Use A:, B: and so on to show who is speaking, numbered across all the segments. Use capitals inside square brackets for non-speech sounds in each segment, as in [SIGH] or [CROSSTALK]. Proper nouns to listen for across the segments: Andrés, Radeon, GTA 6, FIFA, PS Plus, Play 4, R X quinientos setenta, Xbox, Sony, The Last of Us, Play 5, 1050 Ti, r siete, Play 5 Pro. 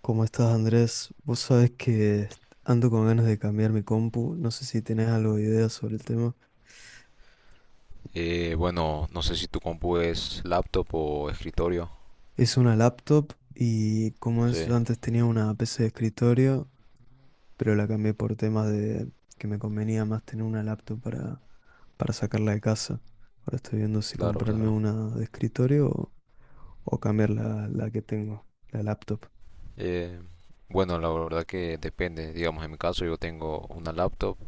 A: ¿Cómo estás, Andrés? Vos sabés que ando con ganas de cambiar mi compu. No sé si tenés algo de idea sobre el tema.
B: Bueno, no sé si tu compu es laptop o escritorio.
A: Es una laptop y, como
B: Sí,
A: es, yo antes tenía una PC de escritorio, pero la cambié por temas de que me convenía más tener una laptop para, sacarla de casa. Ahora estoy viendo si
B: claro,
A: comprarme
B: claro.
A: una de escritorio o cambiar la que tengo, la laptop.
B: Eh, bueno, la verdad que depende. Digamos, en mi caso yo tengo una laptop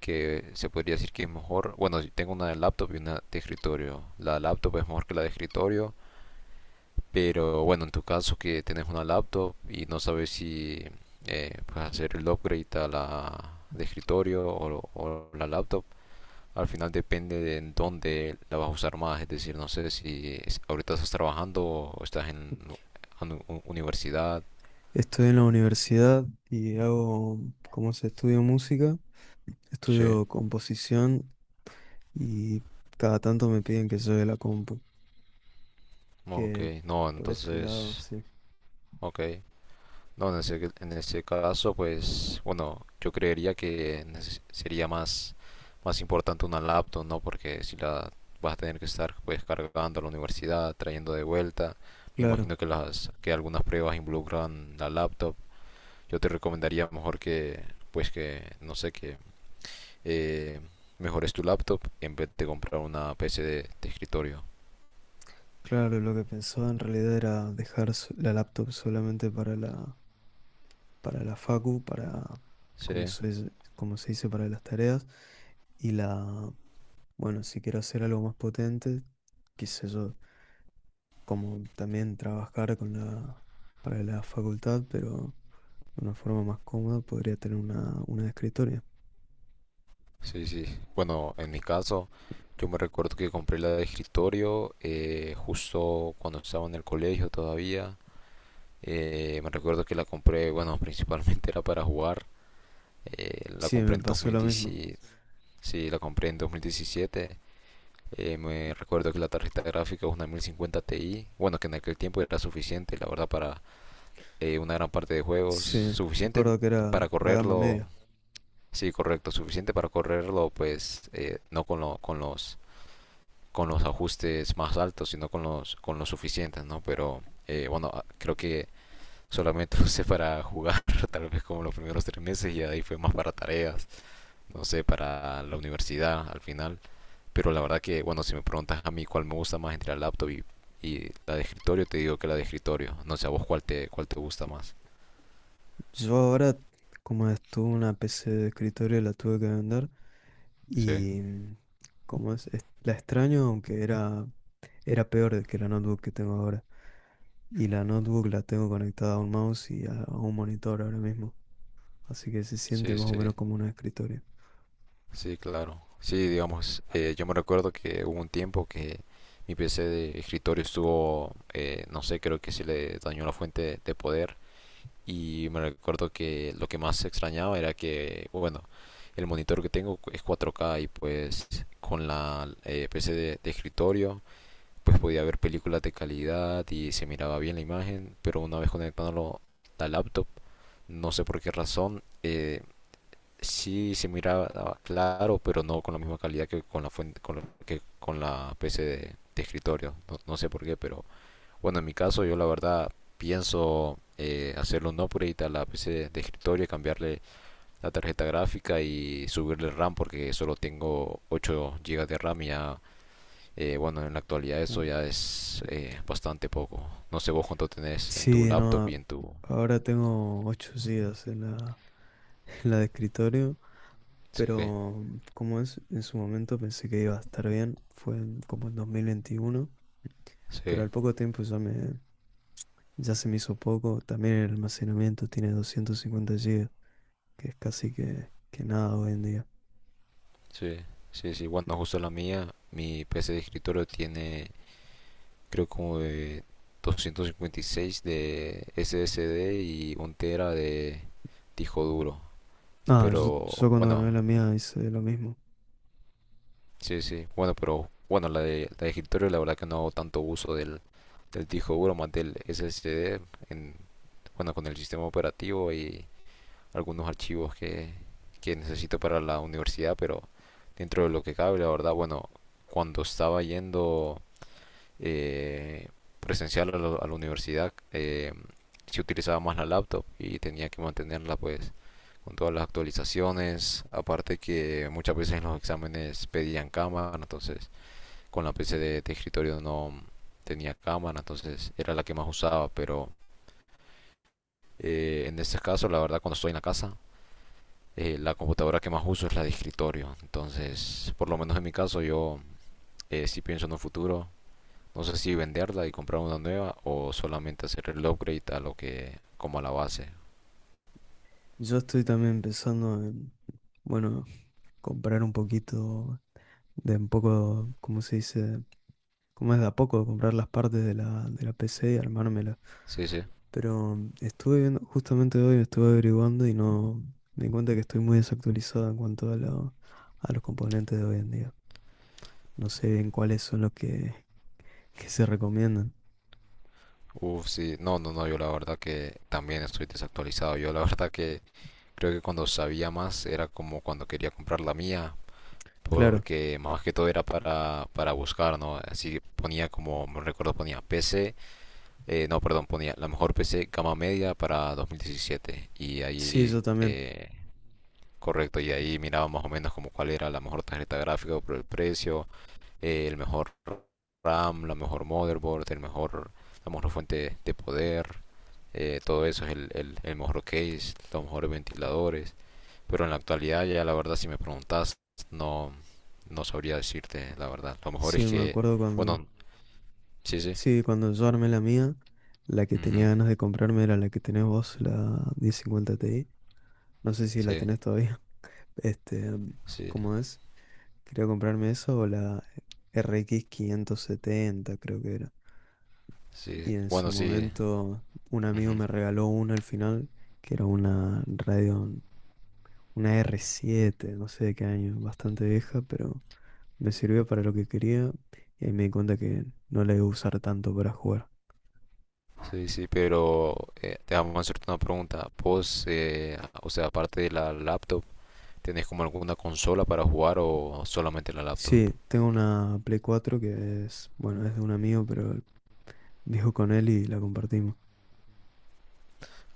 B: que se podría decir que es mejor. Bueno, yo tengo una de laptop y una de escritorio. La laptop es mejor que la de escritorio, pero bueno, en tu caso que tienes una laptop y no sabes si puedes hacer el upgrade a la de escritorio o la laptop. Al final depende de en dónde la vas a usar más, es decir, no sé si ahorita estás trabajando o estás en universidad.
A: Estoy en la universidad y hago, como se estudio música,
B: Sí.
A: estudio composición y cada tanto me piden que lleve la compu.
B: Ok,
A: Que
B: no,
A: por ese lado,
B: entonces,
A: sí.
B: ok. No, en ese caso, pues, bueno, yo creería que sería más importante una laptop, ¿no? Porque si la vas a tener que estar, pues, cargando a la universidad, trayendo de vuelta, me
A: Claro,
B: imagino que que algunas pruebas involucran la laptop. Yo te recomendaría mejor que, pues que, no sé, que eh, mejores tu laptop en vez de comprar una PC de escritorio.
A: claro, lo que pensaba en realidad era dejar la laptop solamente para la facu, para,
B: Sí,
A: como se dice, para las tareas. Y la, bueno, si quiero hacer algo más potente, qué sé yo, como también trabajar con la, para la facultad, pero de una forma más cómoda podría tener una, de escritorio.
B: sí, sí. Bueno, en mi caso, yo me recuerdo que compré la de escritorio justo cuando estaba en el colegio todavía. Me recuerdo que la compré, bueno, principalmente [LAUGHS] era para jugar. La
A: Sí,
B: compré
A: me
B: en
A: pasó lo
B: 2010.
A: mismo.
B: Sí, la compré en 2017. Me recuerdo que la tarjeta gráfica es una 1050 Ti, bueno, que en aquel tiempo era suficiente, la verdad, para una gran parte de juegos,
A: Sí,
B: suficiente
A: recuerdo que era
B: para
A: la gama
B: correrlo,
A: media.
B: sí, correcto, suficiente para correrlo, pues no con, con los ajustes más altos, sino con los suficientes, ¿no? Pero bueno, creo que solamente [LAUGHS] lo usé para jugar, [LAUGHS] tal vez como los primeros 3 meses y ahí fue más para tareas, no sé, para la universidad al final. Pero la verdad que, bueno, si me preguntas a mí cuál me gusta más entre la laptop y la de escritorio, te digo que la de escritorio. No sé a vos cuál te gusta más.
A: Yo ahora, como estuve una PC de escritorio, la tuve que vender
B: Sí,
A: y, como es, la extraño, aunque era, peor de que la notebook que tengo ahora. Y la notebook la tengo conectada a un mouse y a un monitor ahora mismo, así que se siente
B: sí,
A: más o
B: sí,
A: menos como un escritorio.
B: sí, claro. Sí, digamos, yo me recuerdo que hubo un tiempo que mi PC de escritorio estuvo, no sé, creo que se le dañó la fuente de poder. Y me recuerdo que lo que más extrañaba era que, bueno, el monitor que tengo es 4K y pues con la PC de escritorio pues podía ver películas de calidad y se miraba bien la imagen, pero una vez conectándolo a la laptop, no sé por qué razón, sí se miraba claro, pero no con la misma calidad que con la fuente, que con la PC de escritorio. No, no sé por qué, pero bueno, en mi caso yo la verdad pienso hacerle un upgrade a la PC de escritorio y cambiarle la tarjeta gráfica y subirle RAM porque solo tengo 8 gigas de RAM y ya bueno, en la actualidad eso ya es bastante poco. No sé vos cuánto tenés en tu
A: Sí,
B: laptop
A: no,
B: y en tu...
A: ahora tengo 8 gigas en la, [LAUGHS] en la de escritorio,
B: Sí,
A: pero, como es, en su momento pensé que iba a estar bien, fue como en 2021, pero
B: sí,
A: al poco tiempo ya se me hizo poco, también el almacenamiento tiene 250 gigas, que es casi que, nada hoy en día.
B: sí, sí, sí. Bueno, justo la mía, mi PC de escritorio tiene creo como de 256 de SSD y un tera de disco duro.
A: Ah, yo,
B: Pero
A: yo cuando gané
B: bueno,
A: la mía hice lo mismo.
B: sí, sí. Bueno, pero bueno, la de escritorio la verdad que no hago tanto uso del disco duro más del SSD en, bueno, con el sistema operativo y algunos archivos que necesito para la universidad, pero dentro de lo que cabe, la verdad, bueno, cuando estaba yendo eh, presencial a la universidad, sí utilizaba más la laptop y tenía que mantenerla pues con todas las actualizaciones, aparte que muchas veces en los exámenes pedían cámara, entonces con la PC de escritorio no tenía cámara, entonces era la que más usaba, pero en este caso, la verdad, cuando estoy en la casa, la computadora que más uso es la de escritorio. Entonces, por lo menos en mi caso, yo sí pienso en un futuro. No sé si venderla y comprar una nueva o solamente hacer el upgrade como a la base.
A: Yo estoy también pensando en, bueno, comprar un poquito de un poco, ¿cómo se dice? ¿Cómo es de a poco? Comprar las partes de la PC y armármela.
B: Sí, sí.
A: Pero estuve viendo, justamente hoy estuve averiguando y no me di cuenta que estoy muy desactualizado en cuanto a los componentes de hoy en día. No sé bien cuáles son los que se recomiendan.
B: Uf, sí. No, no, no. Yo la verdad que también estoy desactualizado. Yo la verdad que creo que cuando sabía más era como cuando quería comprar la mía.
A: Claro,
B: Porque más que todo era para buscar, ¿no? Así que ponía como, me recuerdo, ponía PC. No, perdón, ponía la mejor PC gama media para 2017. Y
A: sí,
B: ahí,
A: yo también.
B: correcto, y ahí miraba más o menos como cuál era la mejor tarjeta gráfica por el precio, el mejor RAM, la mejor motherboard, el mejor, la mejor fuente de poder, todo eso es el mejor case, los mejores ventiladores. Pero en la actualidad, ya la verdad, si me preguntas, no, no sabría decirte la verdad. Lo mejor
A: Sí,
B: es
A: me
B: que,
A: acuerdo cuando.
B: bueno, sí, sí,
A: Sí, cuando yo armé la mía, la que
B: ujú,
A: tenía ganas de comprarme era la que tenés vos, la 1050 Ti. No sé si la
B: sí,
A: tenés todavía. [LAUGHS] Este,
B: sí,
A: ¿cómo es? Quería comprarme eso o la RX 570, creo que era.
B: sí.
A: Y en su
B: Bueno, sí,
A: momento un amigo
B: ujú.
A: me regaló una al final, que era una Radeon, una R7, no sé de qué año, bastante vieja, pero me sirvió para lo que quería y ahí me di cuenta que no la iba a usar tanto para jugar.
B: Sí, sí, pero déjame hacerte una pregunta. ¿Vos, o sea, aparte de la laptop, tenés como alguna consola para jugar o solamente la laptop?
A: Sí, tengo una Play 4 que es, bueno, es de un amigo, pero [LAUGHS] dijo con él y la compartimos.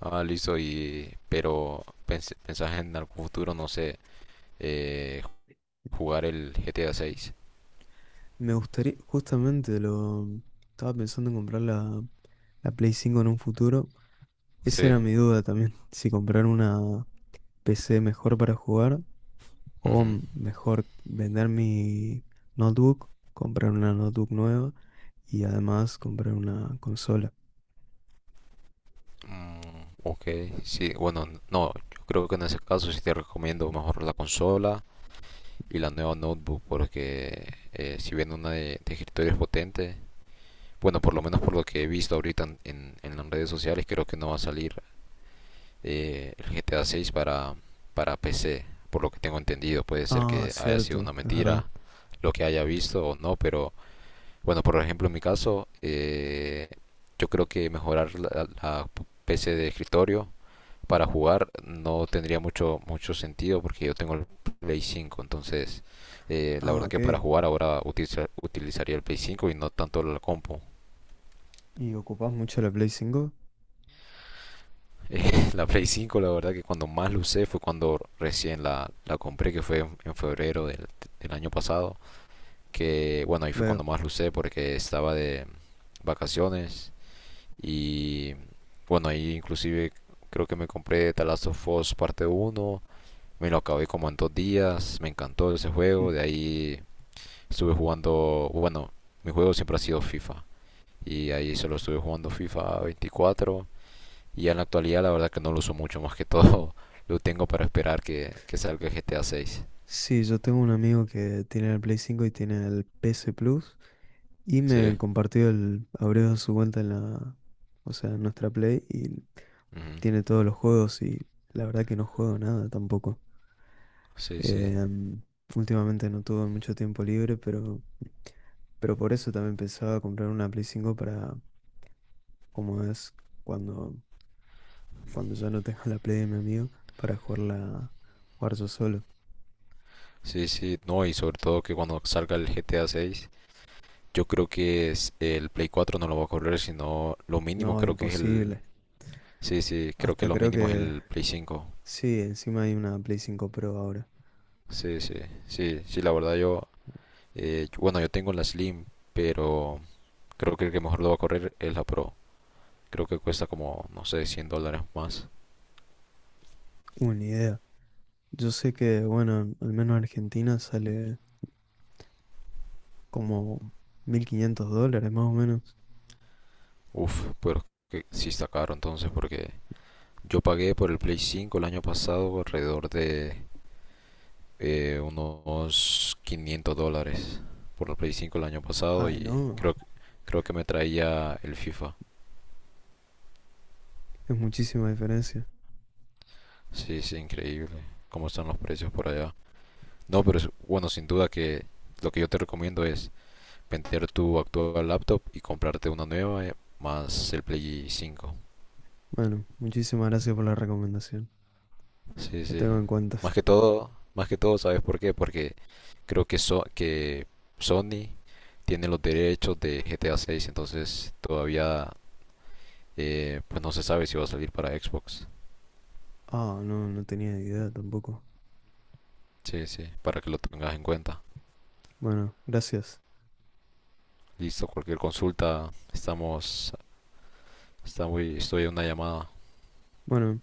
B: Ah, listo, y pero pensás en algún futuro, no sé, eh, jugar el GTA 6.
A: Me gustaría, justamente lo estaba pensando en comprar la, Play 5 en un futuro. Esa
B: Sí.
A: era mi duda también, [LAUGHS] si comprar una PC mejor para jugar o
B: Ujú.
A: mejor vender mi notebook, comprar una notebook nueva y además comprar una consola.
B: Mm, ok, sí, bueno, no, yo creo que en ese caso sí te recomiendo mejor la consola y la nueva notebook porque si bien una de escritorio es potente. Bueno, por lo menos por lo que he visto ahorita en las redes sociales, creo que no va a salir el GTA 6 para PC. Por lo que tengo entendido, puede ser
A: Ah,
B: que haya sido una
A: cierto, es verdad.
B: mentira lo que haya visto o no, pero bueno, por ejemplo, en mi caso, yo creo que mejorar la PC de escritorio para jugar no tendría mucho, mucho sentido porque yo tengo el Play 5, entonces la
A: Ah,
B: verdad
A: ok.
B: que para jugar ahora utilizaría el Play 5 y no tanto la compu.
A: ¿Y ocupás mucho la Play 5?
B: [LAUGHS] La Play 5 la verdad que cuando más lo usé fue cuando recién la compré, que fue en febrero del año pasado. Que bueno, ahí fue
A: Veo.
B: cuando más lo usé porque estaba de vacaciones. Y bueno, ahí inclusive creo que me compré The Last of Us parte uno. Me lo acabé como en 2 días. Me encantó ese juego.
A: [LAUGHS]
B: De ahí estuve jugando, bueno, mi juego siempre ha sido FIFA. Y ahí solo estuve jugando FIFA 24 y ya en la actualidad la verdad que no lo uso mucho, más que todo [LAUGHS] lo tengo para esperar que salga GTA 6.
A: Sí, yo tengo un amigo que tiene el Play 5 y tiene el PS Plus y
B: Sí.
A: me compartió abrió su cuenta en la, o sea, en nuestra Play y
B: Ujú.
A: tiene todos los juegos y la verdad que no juego nada tampoco.
B: Sí, sí.
A: Em, últimamente no tuve mucho tiempo libre, pero, por eso también pensaba comprar una Play 5 para, como es, cuando, cuando ya no tenga [LAUGHS] la Play de mi amigo, para jugarla, jugar yo solo.
B: Sí, sí. No, y sobre todo que cuando salga el GTA 6, yo creo que el Play 4 no lo va a correr, sino lo mínimo
A: No,
B: creo que es el...
A: imposible.
B: Sí, sí, creo que
A: Hasta
B: lo
A: creo
B: mínimo es
A: que.
B: el Play 5.
A: Sí, encima hay una Play 5 Pro ahora.
B: Sí, sí, sí, sí, la verdad yo... Bueno, yo tengo la Slim, pero creo que el que mejor lo va a correr es la Pro. Creo que cuesta como, no sé, $100 más.
A: Una idea. Yo sé que, bueno, al menos en Argentina sale como 1.500 dólares más o menos.
B: Uf, pero que sí está caro entonces porque yo pagué por el Play 5 el año pasado alrededor de unos $500 por el Play 5 el año pasado
A: Ay,
B: y
A: no,
B: creo, creo que me traía el FIFA.
A: es muchísima diferencia.
B: Sí, sí, increíble cómo están los precios por allá. No, pero bueno, sin duda que lo que yo te recomiendo es vender tu actual laptop y comprarte una nueva más el Play 5.
A: Bueno, muchísimas gracias por la recomendación.
B: Sí,
A: La
B: sí.
A: tengo en cuenta.
B: Más que todo, ¿sabes por qué? Porque creo que Sony tiene los derechos de GTA 6, entonces todavía pues no se sabe si va a salir para Xbox.
A: Ah, no, no tenía idea tampoco.
B: Sí, sí, para que lo tengas en cuenta.
A: Bueno, gracias.
B: Listo, cualquier consulta, estamos, está muy, estoy en una llamada.
A: Bueno.